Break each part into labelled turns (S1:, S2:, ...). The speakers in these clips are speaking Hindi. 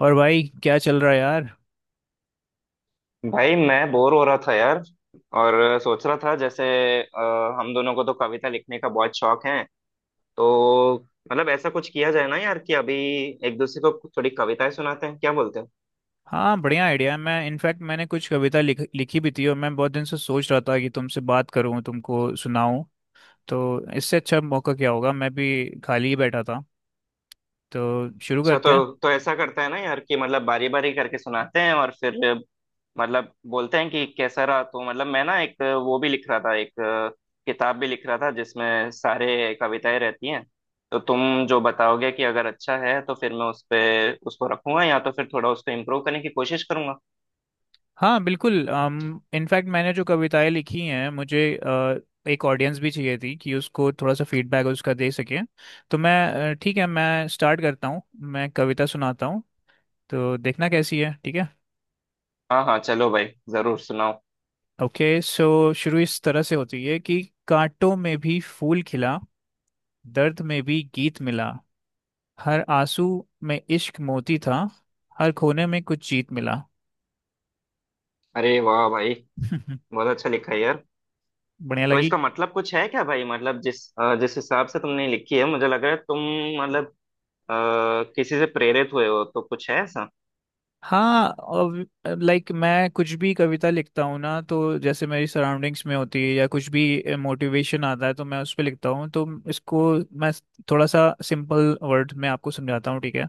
S1: और भाई क्या चल रहा है यार।
S2: भाई, मैं बोर हो रहा था यार। और सोच रहा था जैसे हम दोनों को तो कविता लिखने का बहुत शौक है। तो मतलब ऐसा कुछ किया जाए ना यार कि अभी एक दूसरे को थोड़ी कविताएं सुनाते हैं, क्या बोलते हैं?
S1: हाँ बढ़िया आइडिया है। मैं इनफैक्ट मैंने कुछ कविता लिखी भी थी और मैं बहुत दिन से सोच रहा था कि तुमसे बात करूँ तुमको सुनाऊँ। तो इससे अच्छा मौका क्या होगा, मैं भी खाली ही बैठा था। तो शुरू
S2: अच्छा,
S1: करते हैं।
S2: तो ऐसा करते हैं ना यार कि मतलब बारी बारी करके सुनाते हैं और फिर मतलब बोलते हैं कि कैसा रहा। तो मतलब मैं ना एक वो भी लिख रहा था, एक किताब भी लिख रहा था जिसमें सारे कविताएं रहती हैं। तो तुम जो बताओगे कि अगर अच्छा है तो फिर मैं उस पे उसको रखूंगा, या तो फिर थोड़ा उसको इम्प्रूव करने की कोशिश करूंगा।
S1: हाँ बिल्कुल। इनफैक्ट मैंने जो कविताएं लिखी हैं, मुझे एक ऑडियंस भी चाहिए थी कि उसको थोड़ा सा फीडबैक उसका दे सके। तो मैं ठीक है मैं स्टार्ट करता हूँ, मैं कविता सुनाता हूँ, तो देखना कैसी है, ठीक है।
S2: हाँ हाँ, चलो भाई जरूर सुनाओ।
S1: ओके सो शुरू इस तरह से होती है कि कांटों में भी फूल खिला, दर्द में भी गीत मिला, हर आंसू में इश्क मोती था, हर खोने में कुछ जीत मिला।
S2: अरे वाह भाई, बहुत अच्छा लिखा है यार।
S1: बढ़िया
S2: तो
S1: लगी।
S2: इसका मतलब कुछ है क्या भाई? मतलब जिस हिसाब से तुमने लिखी है, मुझे लग रहा है तुम मतलब अ, किसी से प्रेरित हुए हो, तो कुछ है ऐसा।
S1: हाँ। लाइक मैं कुछ भी कविता लिखता हूँ ना, तो जैसे मेरी सराउंडिंग्स में होती है या कुछ भी मोटिवेशन आता है तो मैं उस पर लिखता हूँ। तो इसको मैं थोड़ा सा सिंपल वर्ड में आपको समझाता हूँ, ठीक है।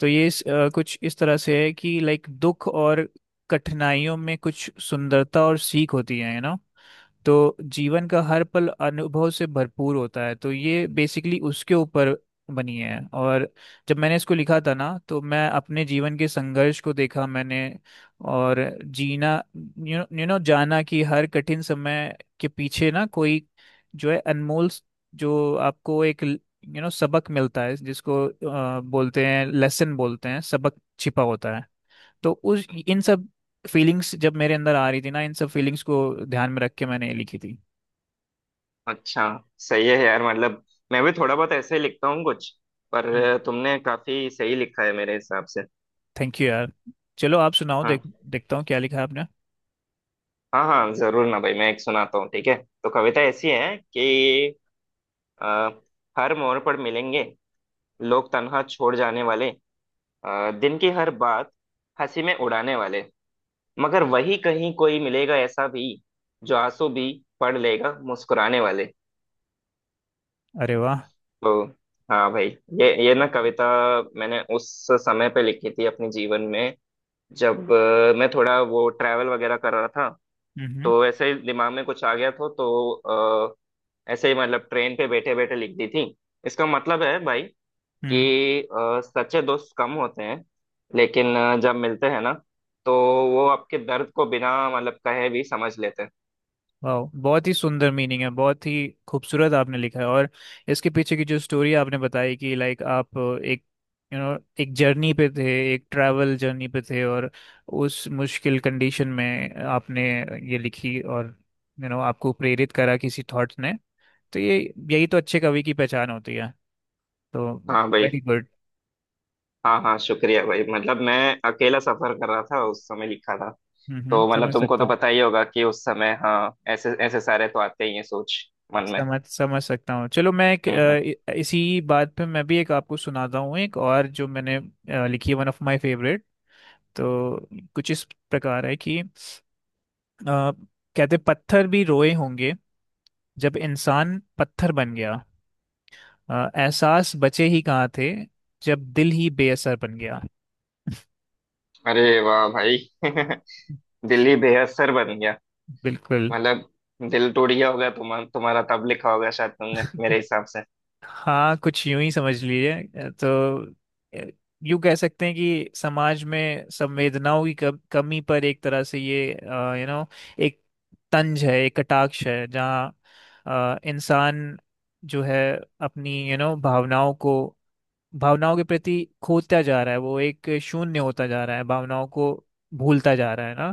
S1: तो ये कुछ इस तरह से है कि लाइक दुख और कठिनाइयों में कुछ सुंदरता और सीख होती है, यू नो। तो जीवन का हर पल अनुभव से भरपूर होता है। तो ये बेसिकली उसके ऊपर बनी है। और जब मैंने इसको लिखा था ना, तो मैं अपने जीवन के संघर्ष को देखा मैंने और जीना जाना कि हर कठिन समय के पीछे ना कोई जो है अनमोल जो आपको एक यू नो सबक मिलता है, जिसको बोलते हैं लेसन बोलते हैं सबक छिपा होता है। तो उस इन सब फीलिंग्स जब मेरे अंदर आ रही थी ना, इन सब फीलिंग्स को ध्यान में रख के मैंने ये लिखी थी।
S2: अच्छा, सही है यार। मतलब मैं भी थोड़ा बहुत ऐसे ही लिखता हूँ कुछ। पर तुमने काफी सही लिखा है मेरे हिसाब से।
S1: थैंक यू यार। चलो आप सुनाओ,
S2: हाँ
S1: देख, देखता हूँ क्या लिखा है आपने।
S2: हाँ हाँ, जरूर ना भाई, मैं एक सुनाता हूँ, ठीक है। तो कविता ऐसी है कि अ, हर मोड़ पर मिलेंगे लोग तन्हा छोड़ जाने वाले, दिन की हर बात हंसी में उड़ाने वाले, मगर वही कहीं कोई मिलेगा ऐसा भी जो आंसू भी पढ़ लेगा मुस्कुराने वाले।
S1: अरे वाह।
S2: तो हाँ भाई, ये ना कविता मैंने उस समय पे लिखी थी अपने जीवन में, जब मैं थोड़ा वो ट्रैवल वगैरह कर रहा था।
S1: हम्म
S2: तो ऐसे ही दिमाग में कुछ आ गया था, तो अ, ऐसे ही मतलब ट्रेन पे बैठे बैठे लिख दी थी। इसका मतलब है भाई
S1: हम्म।
S2: कि सच्चे दोस्त कम होते हैं, लेकिन जब मिलते हैं ना, तो वो आपके दर्द को बिना मतलब कहे भी समझ लेते हैं।
S1: वाह बहुत ही सुंदर मीनिंग है, बहुत ही खूबसूरत आपने लिखा है। और इसके पीछे की जो स्टोरी आपने बताई कि लाइक आप एक यू you नो एक जर्नी पे थे, एक ट्रैवल जर्नी पे थे और उस मुश्किल कंडीशन में आपने ये लिखी और यू you नो आपको प्रेरित करा किसी थॉट्स ने। तो ये यही तो अच्छे कवि की पहचान होती है। तो
S2: हाँ भाई।
S1: Very good.
S2: हाँ हाँ, शुक्रिया भाई। मतलब मैं अकेला सफर कर रहा था, उस समय लिखा था।
S1: हम्म,
S2: तो मतलब
S1: समझ
S2: तुमको
S1: सकता
S2: तो
S1: हूँ।
S2: पता ही होगा कि उस समय हाँ, ऐसे ऐसे सारे तो आते ही हैं सोच मन में।
S1: समझ समझ सकता हूँ। चलो मैं
S2: हम्म हम्म।
S1: इसी बात पे मैं भी एक आपको सुनाता हूँ, एक और जो मैंने लिखी है, वन ऑफ माय फेवरेट। तो कुछ इस प्रकार है कि कहते पत्थर भी रोए होंगे, जब इंसान पत्थर बन गया, एहसास बचे ही कहाँ थे, जब दिल ही बेअसर बन गया।
S2: अरे वाह भाई। दिल ही बेअसर बन गया।
S1: बिल्कुल।
S2: मतलब दिल टूट गया होगा तुम्हारा तब, लिखा होगा शायद तुमने मेरे हिसाब से।
S1: हाँ कुछ यूं ही समझ लीजिए। तो अ, यूं कह सकते हैं कि समाज में संवेदनाओं की कमी पर एक तरह से ये यू नो एक तंज है एक कटाक्ष है, जहाँ इंसान जो है अपनी यू नो भावनाओं को भावनाओं के प्रति खोता जा रहा है, वो एक शून्य होता जा रहा है, भावनाओं को भूलता जा रहा है ना।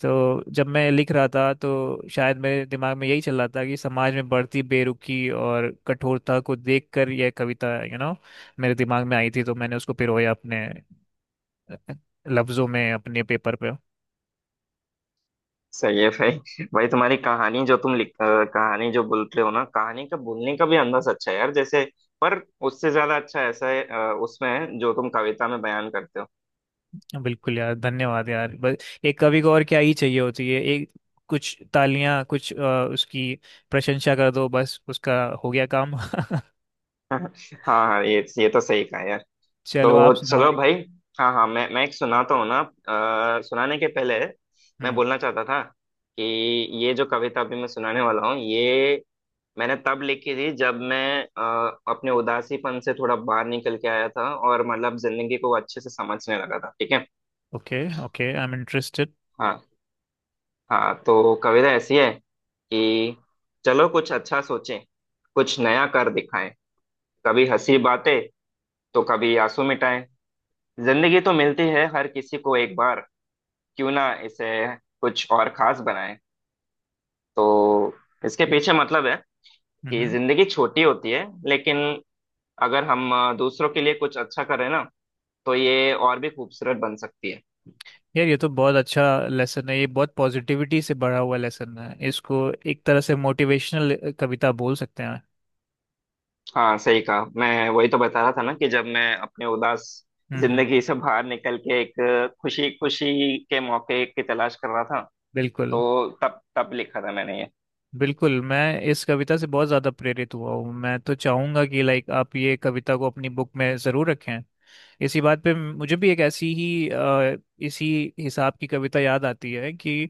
S1: तो जब मैं लिख रहा था तो शायद मेरे दिमाग में यही चल रहा था कि समाज में बढ़ती बेरुखी और कठोरता को देखकर यह कविता यू नो मेरे दिमाग में आई थी। तो मैंने उसको पिरोया अपने अ, लफ्जों में, अपने पेपर पे।
S2: सही है भाई। भाई, तुम्हारी कहानी जो तुम लिख अ, कहानी जो बोलते हो ना, कहानी का बोलने का भी अंदाज अच्छा है यार। जैसे, पर उससे ज्यादा अच्छा ऐसा है उसमें है जो तुम कविता में बयान करते हो।
S1: बिल्कुल यार, धन्यवाद यार। बस एक कवि को और क्या ही चाहिए होती है, एक कुछ तालियां कुछ उसकी प्रशंसा कर दो, बस उसका हो गया काम।
S2: हाँ हाँ, ये तो सही कहा यार।
S1: चलो
S2: तो
S1: आप सुनाओ
S2: चलो
S1: एक।
S2: भाई। हाँ हाँ, मैं एक सुनाता हूँ ना। सुनाने के पहले मैं
S1: हम्म।
S2: बोलना चाहता था कि ये जो कविता अभी मैं सुनाने वाला हूँ, ये मैंने तब लिखी थी जब मैं अपने उदासीपन से थोड़ा बाहर निकल के आया था और मतलब जिंदगी को अच्छे से समझने लगा था, ठीक है।
S1: ओके। ओके आई एम
S2: हाँ हाँ, तो कविता ऐसी है कि चलो कुछ अच्छा सोचें, कुछ नया कर दिखाएं। कभी हंसी बातें तो कभी आंसू मिटाएं। जिंदगी तो मिलती है हर किसी को एक बार, क्यों ना इसे कुछ और खास बनाए। तो इसके
S1: इंटरेस्टेड।
S2: पीछे मतलब है कि जिंदगी छोटी होती है, लेकिन अगर हम दूसरों के लिए कुछ अच्छा करें ना, तो ये और भी खूबसूरत बन सकती है।
S1: यार ये तो बहुत अच्छा लेसन है, ये बहुत पॉजिटिविटी से भरा हुआ लेसन है, इसको एक तरह से मोटिवेशनल कविता बोल सकते हैं।
S2: हाँ सही कहा। मैं वही तो बता रहा था ना कि जब मैं अपने उदास
S1: हम्म हम्म,
S2: जिंदगी से बाहर निकल के एक खुशी खुशी के मौके की तलाश कर रहा था,
S1: बिल्कुल
S2: तो तब तब लिखा था मैंने ये।
S1: बिल्कुल। मैं इस कविता से बहुत ज़्यादा प्रेरित हुआ हूँ, मैं तो चाहूँगा कि लाइक आप ये कविता को अपनी बुक में ज़रूर रखें। इसी बात पे मुझे भी एक ऐसी ही इसी हिसाब की कविता याद आती है कि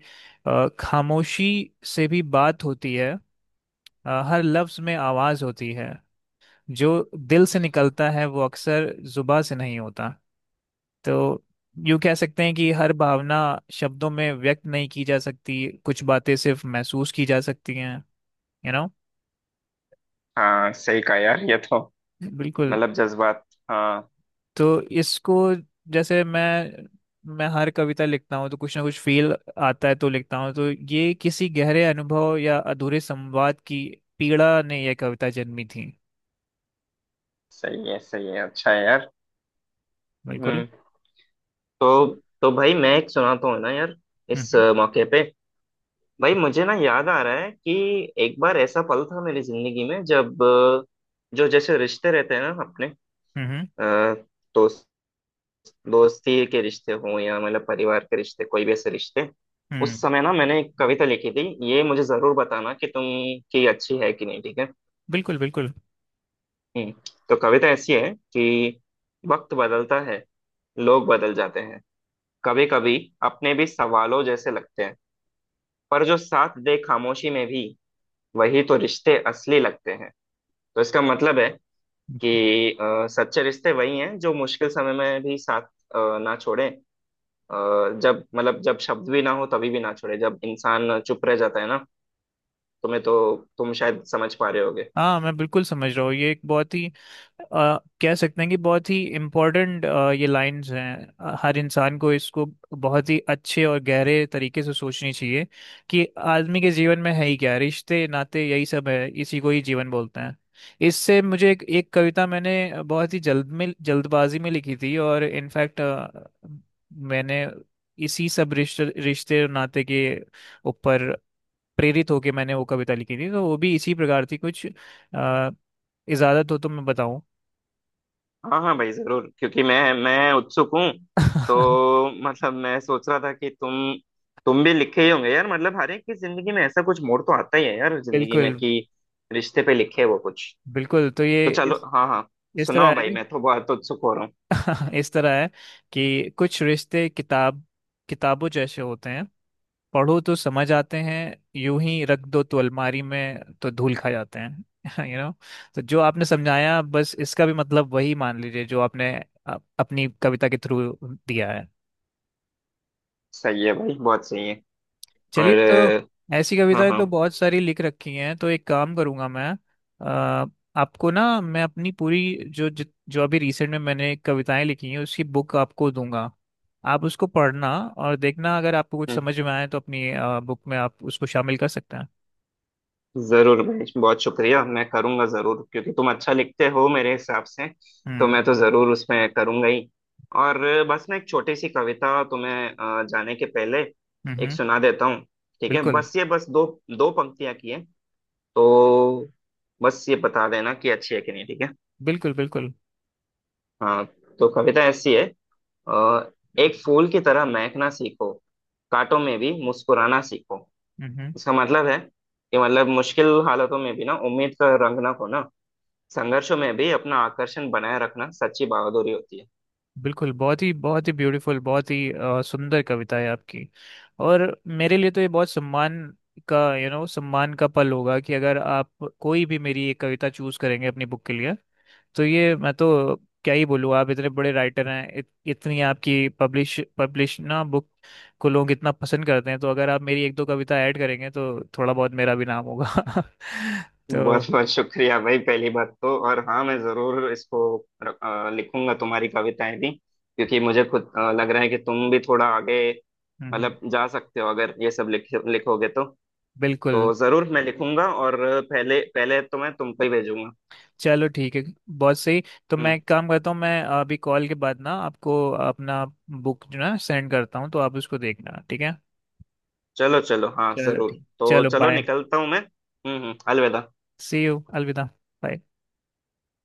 S1: खामोशी से भी बात होती है, हर लफ्ज़ में आवाज़ होती है, जो दिल से निकलता है वो अक्सर जुबा से नहीं होता। तो यूँ कह सकते हैं कि हर भावना शब्दों में व्यक्त नहीं की जा सकती, कुछ बातें सिर्फ महसूस की जा सकती हैं, यू नो।
S2: हाँ सही कहा यार, ये तो
S1: बिल्कुल।
S2: मतलब जज्बात। हाँ।
S1: तो इसको जैसे मैं हर कविता लिखता हूँ तो कुछ ना कुछ फील आता है तो लिखता हूँ। तो ये किसी गहरे अनुभव या अधूरे संवाद की पीड़ा ने यह कविता जन्मी थी।
S2: सही है, सही है, अच्छा है यार।
S1: बिल्कुल।
S2: हम्म। तो
S1: हम्म
S2: तो भाई, मैं एक सुनाता हूँ ना यार, इस
S1: हम्म।
S2: मौके पे। भाई, मुझे ना याद आ रहा है कि एक बार ऐसा पल था मेरी जिंदगी में, जब जो जैसे रिश्ते रहते हैं ना अपने,
S1: हम्म
S2: अ, दोस्त दोस्ती के रिश्ते हों या मतलब परिवार के रिश्ते, कोई भी ऐसे रिश्ते। उस
S1: हम्म,
S2: समय ना मैंने एक कविता लिखी थी। ये मुझे जरूर बताना कि तुम की अच्छी है कि नहीं, ठीक है।
S1: बिल्कुल बिल्कुल
S2: हम्म। तो कविता ऐसी है कि वक्त बदलता है, लोग बदल जाते हैं। कभी कभी अपने भी सवालों जैसे लगते हैं, पर जो साथ दे खामोशी में भी, वही तो रिश्ते असली लगते हैं। तो इसका मतलब है कि सच्चे रिश्ते वही हैं जो मुश्किल समय में भी साथ ना छोड़े। अ, जब मतलब जब शब्द भी ना हो तभी भी ना छोड़े, जब इंसान चुप रह जाता है ना। तुम्हें तो तुम शायद समझ पा रहे होगे।
S1: हाँ मैं बिल्कुल समझ रहा हूँ। ये एक बहुत ही अ, कह सकते हैं कि बहुत ही इम्पोर्टेंट ये लाइंस हैं, हर इंसान को इसको बहुत ही अच्छे और गहरे तरीके से सोचनी चाहिए कि आदमी के जीवन में है ही क्या, रिश्ते नाते यही सब है, इसी को ही जीवन बोलते हैं। इससे मुझे एक कविता मैंने बहुत ही जल्द में जल्दबाजी में लिखी थी और इनफैक्ट मैंने इसी सब रिश्ते रिश्ते और नाते के ऊपर प्रेरित होके मैंने वो कविता लिखी थी। तो वो भी इसी प्रकार थी कुछ। अ, इजाजत हो तो मैं बताऊं।
S2: हाँ हाँ भाई जरूर, क्योंकि मैं उत्सुक हूँ। तो मतलब मैं सोच रहा था कि तुम भी लिखे ही होंगे यार। मतलब हर एक की जिंदगी में ऐसा कुछ मोड़ तो आता ही है यार, जिंदगी में
S1: बिल्कुल
S2: कि रिश्ते पे लिखे वो कुछ।
S1: बिल्कुल। तो ये
S2: तो चलो हाँ हाँ,
S1: इस तरह
S2: सुनाओ भाई,
S1: है।
S2: मैं तो बहुत उत्सुक हो रहा हूँ।
S1: इस तरह है कि कुछ रिश्ते किताबों जैसे होते हैं, पढ़ो तो समझ आते हैं, यूं ही रख दो तो अलमारी में तो धूल खा जाते हैं। You know. तो जो आपने समझाया बस इसका भी मतलब वही मान लीजिए जो आपने अपनी कविता के थ्रू दिया है।
S2: सही है भाई, बहुत सही है।
S1: चलिए।
S2: और
S1: तो ऐसी
S2: हाँ
S1: कविताएं
S2: हाँ।
S1: तो बहुत सारी लिख रखी हैं, तो एक काम करूंगा मैं। अ, आपको ना मैं अपनी पूरी जो जो अभी रिसेंट में मैंने कविताएं लिखी हैं उसकी बुक आपको दूंगा, आप उसको पढ़ना और देखना अगर आपको कुछ
S2: हम्म।
S1: समझ में आए तो अपनी बुक में आप उसको शामिल कर सकते हैं।
S2: जरूर भाई, बहुत शुक्रिया। मैं करूंगा जरूर, क्योंकि तुम अच्छा लिखते हो मेरे हिसाब से। तो
S1: हम्म
S2: मैं तो जरूर उसमें करूंगा ही। और बस मैं एक छोटी सी कविता तुम्हें जाने के पहले
S1: हम्म
S2: एक
S1: हम्म,
S2: सुना देता हूँ, ठीक है।
S1: बिल्कुल
S2: बस ये, बस दो दो पंक्तियां की है। तो बस ये बता देना कि अच्छी है कि नहीं, ठीक है।
S1: बिल्कुल बिल्कुल।
S2: हाँ। तो कविता ऐसी है, अ, एक फूल की तरह महकना सीखो, कांटों में भी मुस्कुराना सीखो।
S1: हम्म हम्म।
S2: इसका मतलब है कि मतलब मुश्किल हालातों में भी ना उम्मीद का रंग ना खोना, संघर्षों में भी अपना आकर्षण बनाए रखना सच्ची बहादुरी होती है।
S1: बिल्कुल बहुत ही ब्यूटीफुल, बहुत ही सुंदर कविता है आपकी। और मेरे लिए तो ये बहुत सम्मान का यू नो सम्मान का पल होगा कि अगर आप कोई भी मेरी एक कविता चूज करेंगे अपनी बुक के लिए। तो ये मैं तो क्या ही बोलूँ, आप इतने बड़े राइटर हैं, इतनी आपकी पब्लिश पब्लिश ना बुक को लोग इतना पसंद करते हैं। तो अगर आप मेरी एक दो कविता ऐड करेंगे तो थोड़ा बहुत मेरा भी नाम होगा। तो
S2: बहुत बहुत शुक्रिया भाई, पहली बात तो। और हाँ, मैं जरूर इसको लिखूंगा तुम्हारी कविताएं भी, क्योंकि मुझे खुद लग रहा है कि तुम भी थोड़ा आगे
S1: हम्म, हम्म,
S2: मतलब जा सकते हो अगर ये सब लिखोगे तो।
S1: बिल्कुल।
S2: तो जरूर मैं लिखूंगा, और पहले पहले तो मैं तुमको ही भेजूंगा।
S1: चलो ठीक है, बहुत सही। तो
S2: हम्म।
S1: मैं एक काम करता हूँ, मैं अभी कॉल के बाद ना आपको अपना बुक जो ना सेंड करता हूँ, तो आप उसको देखना, ठीक है।
S2: चलो चलो, हाँ
S1: चलो
S2: जरूर।
S1: ठीक,
S2: तो
S1: चलो
S2: चलो,
S1: बाय।
S2: निकलता हूँ मैं। हम्म। अलविदा।
S1: सी यू, अलविदा। Bye.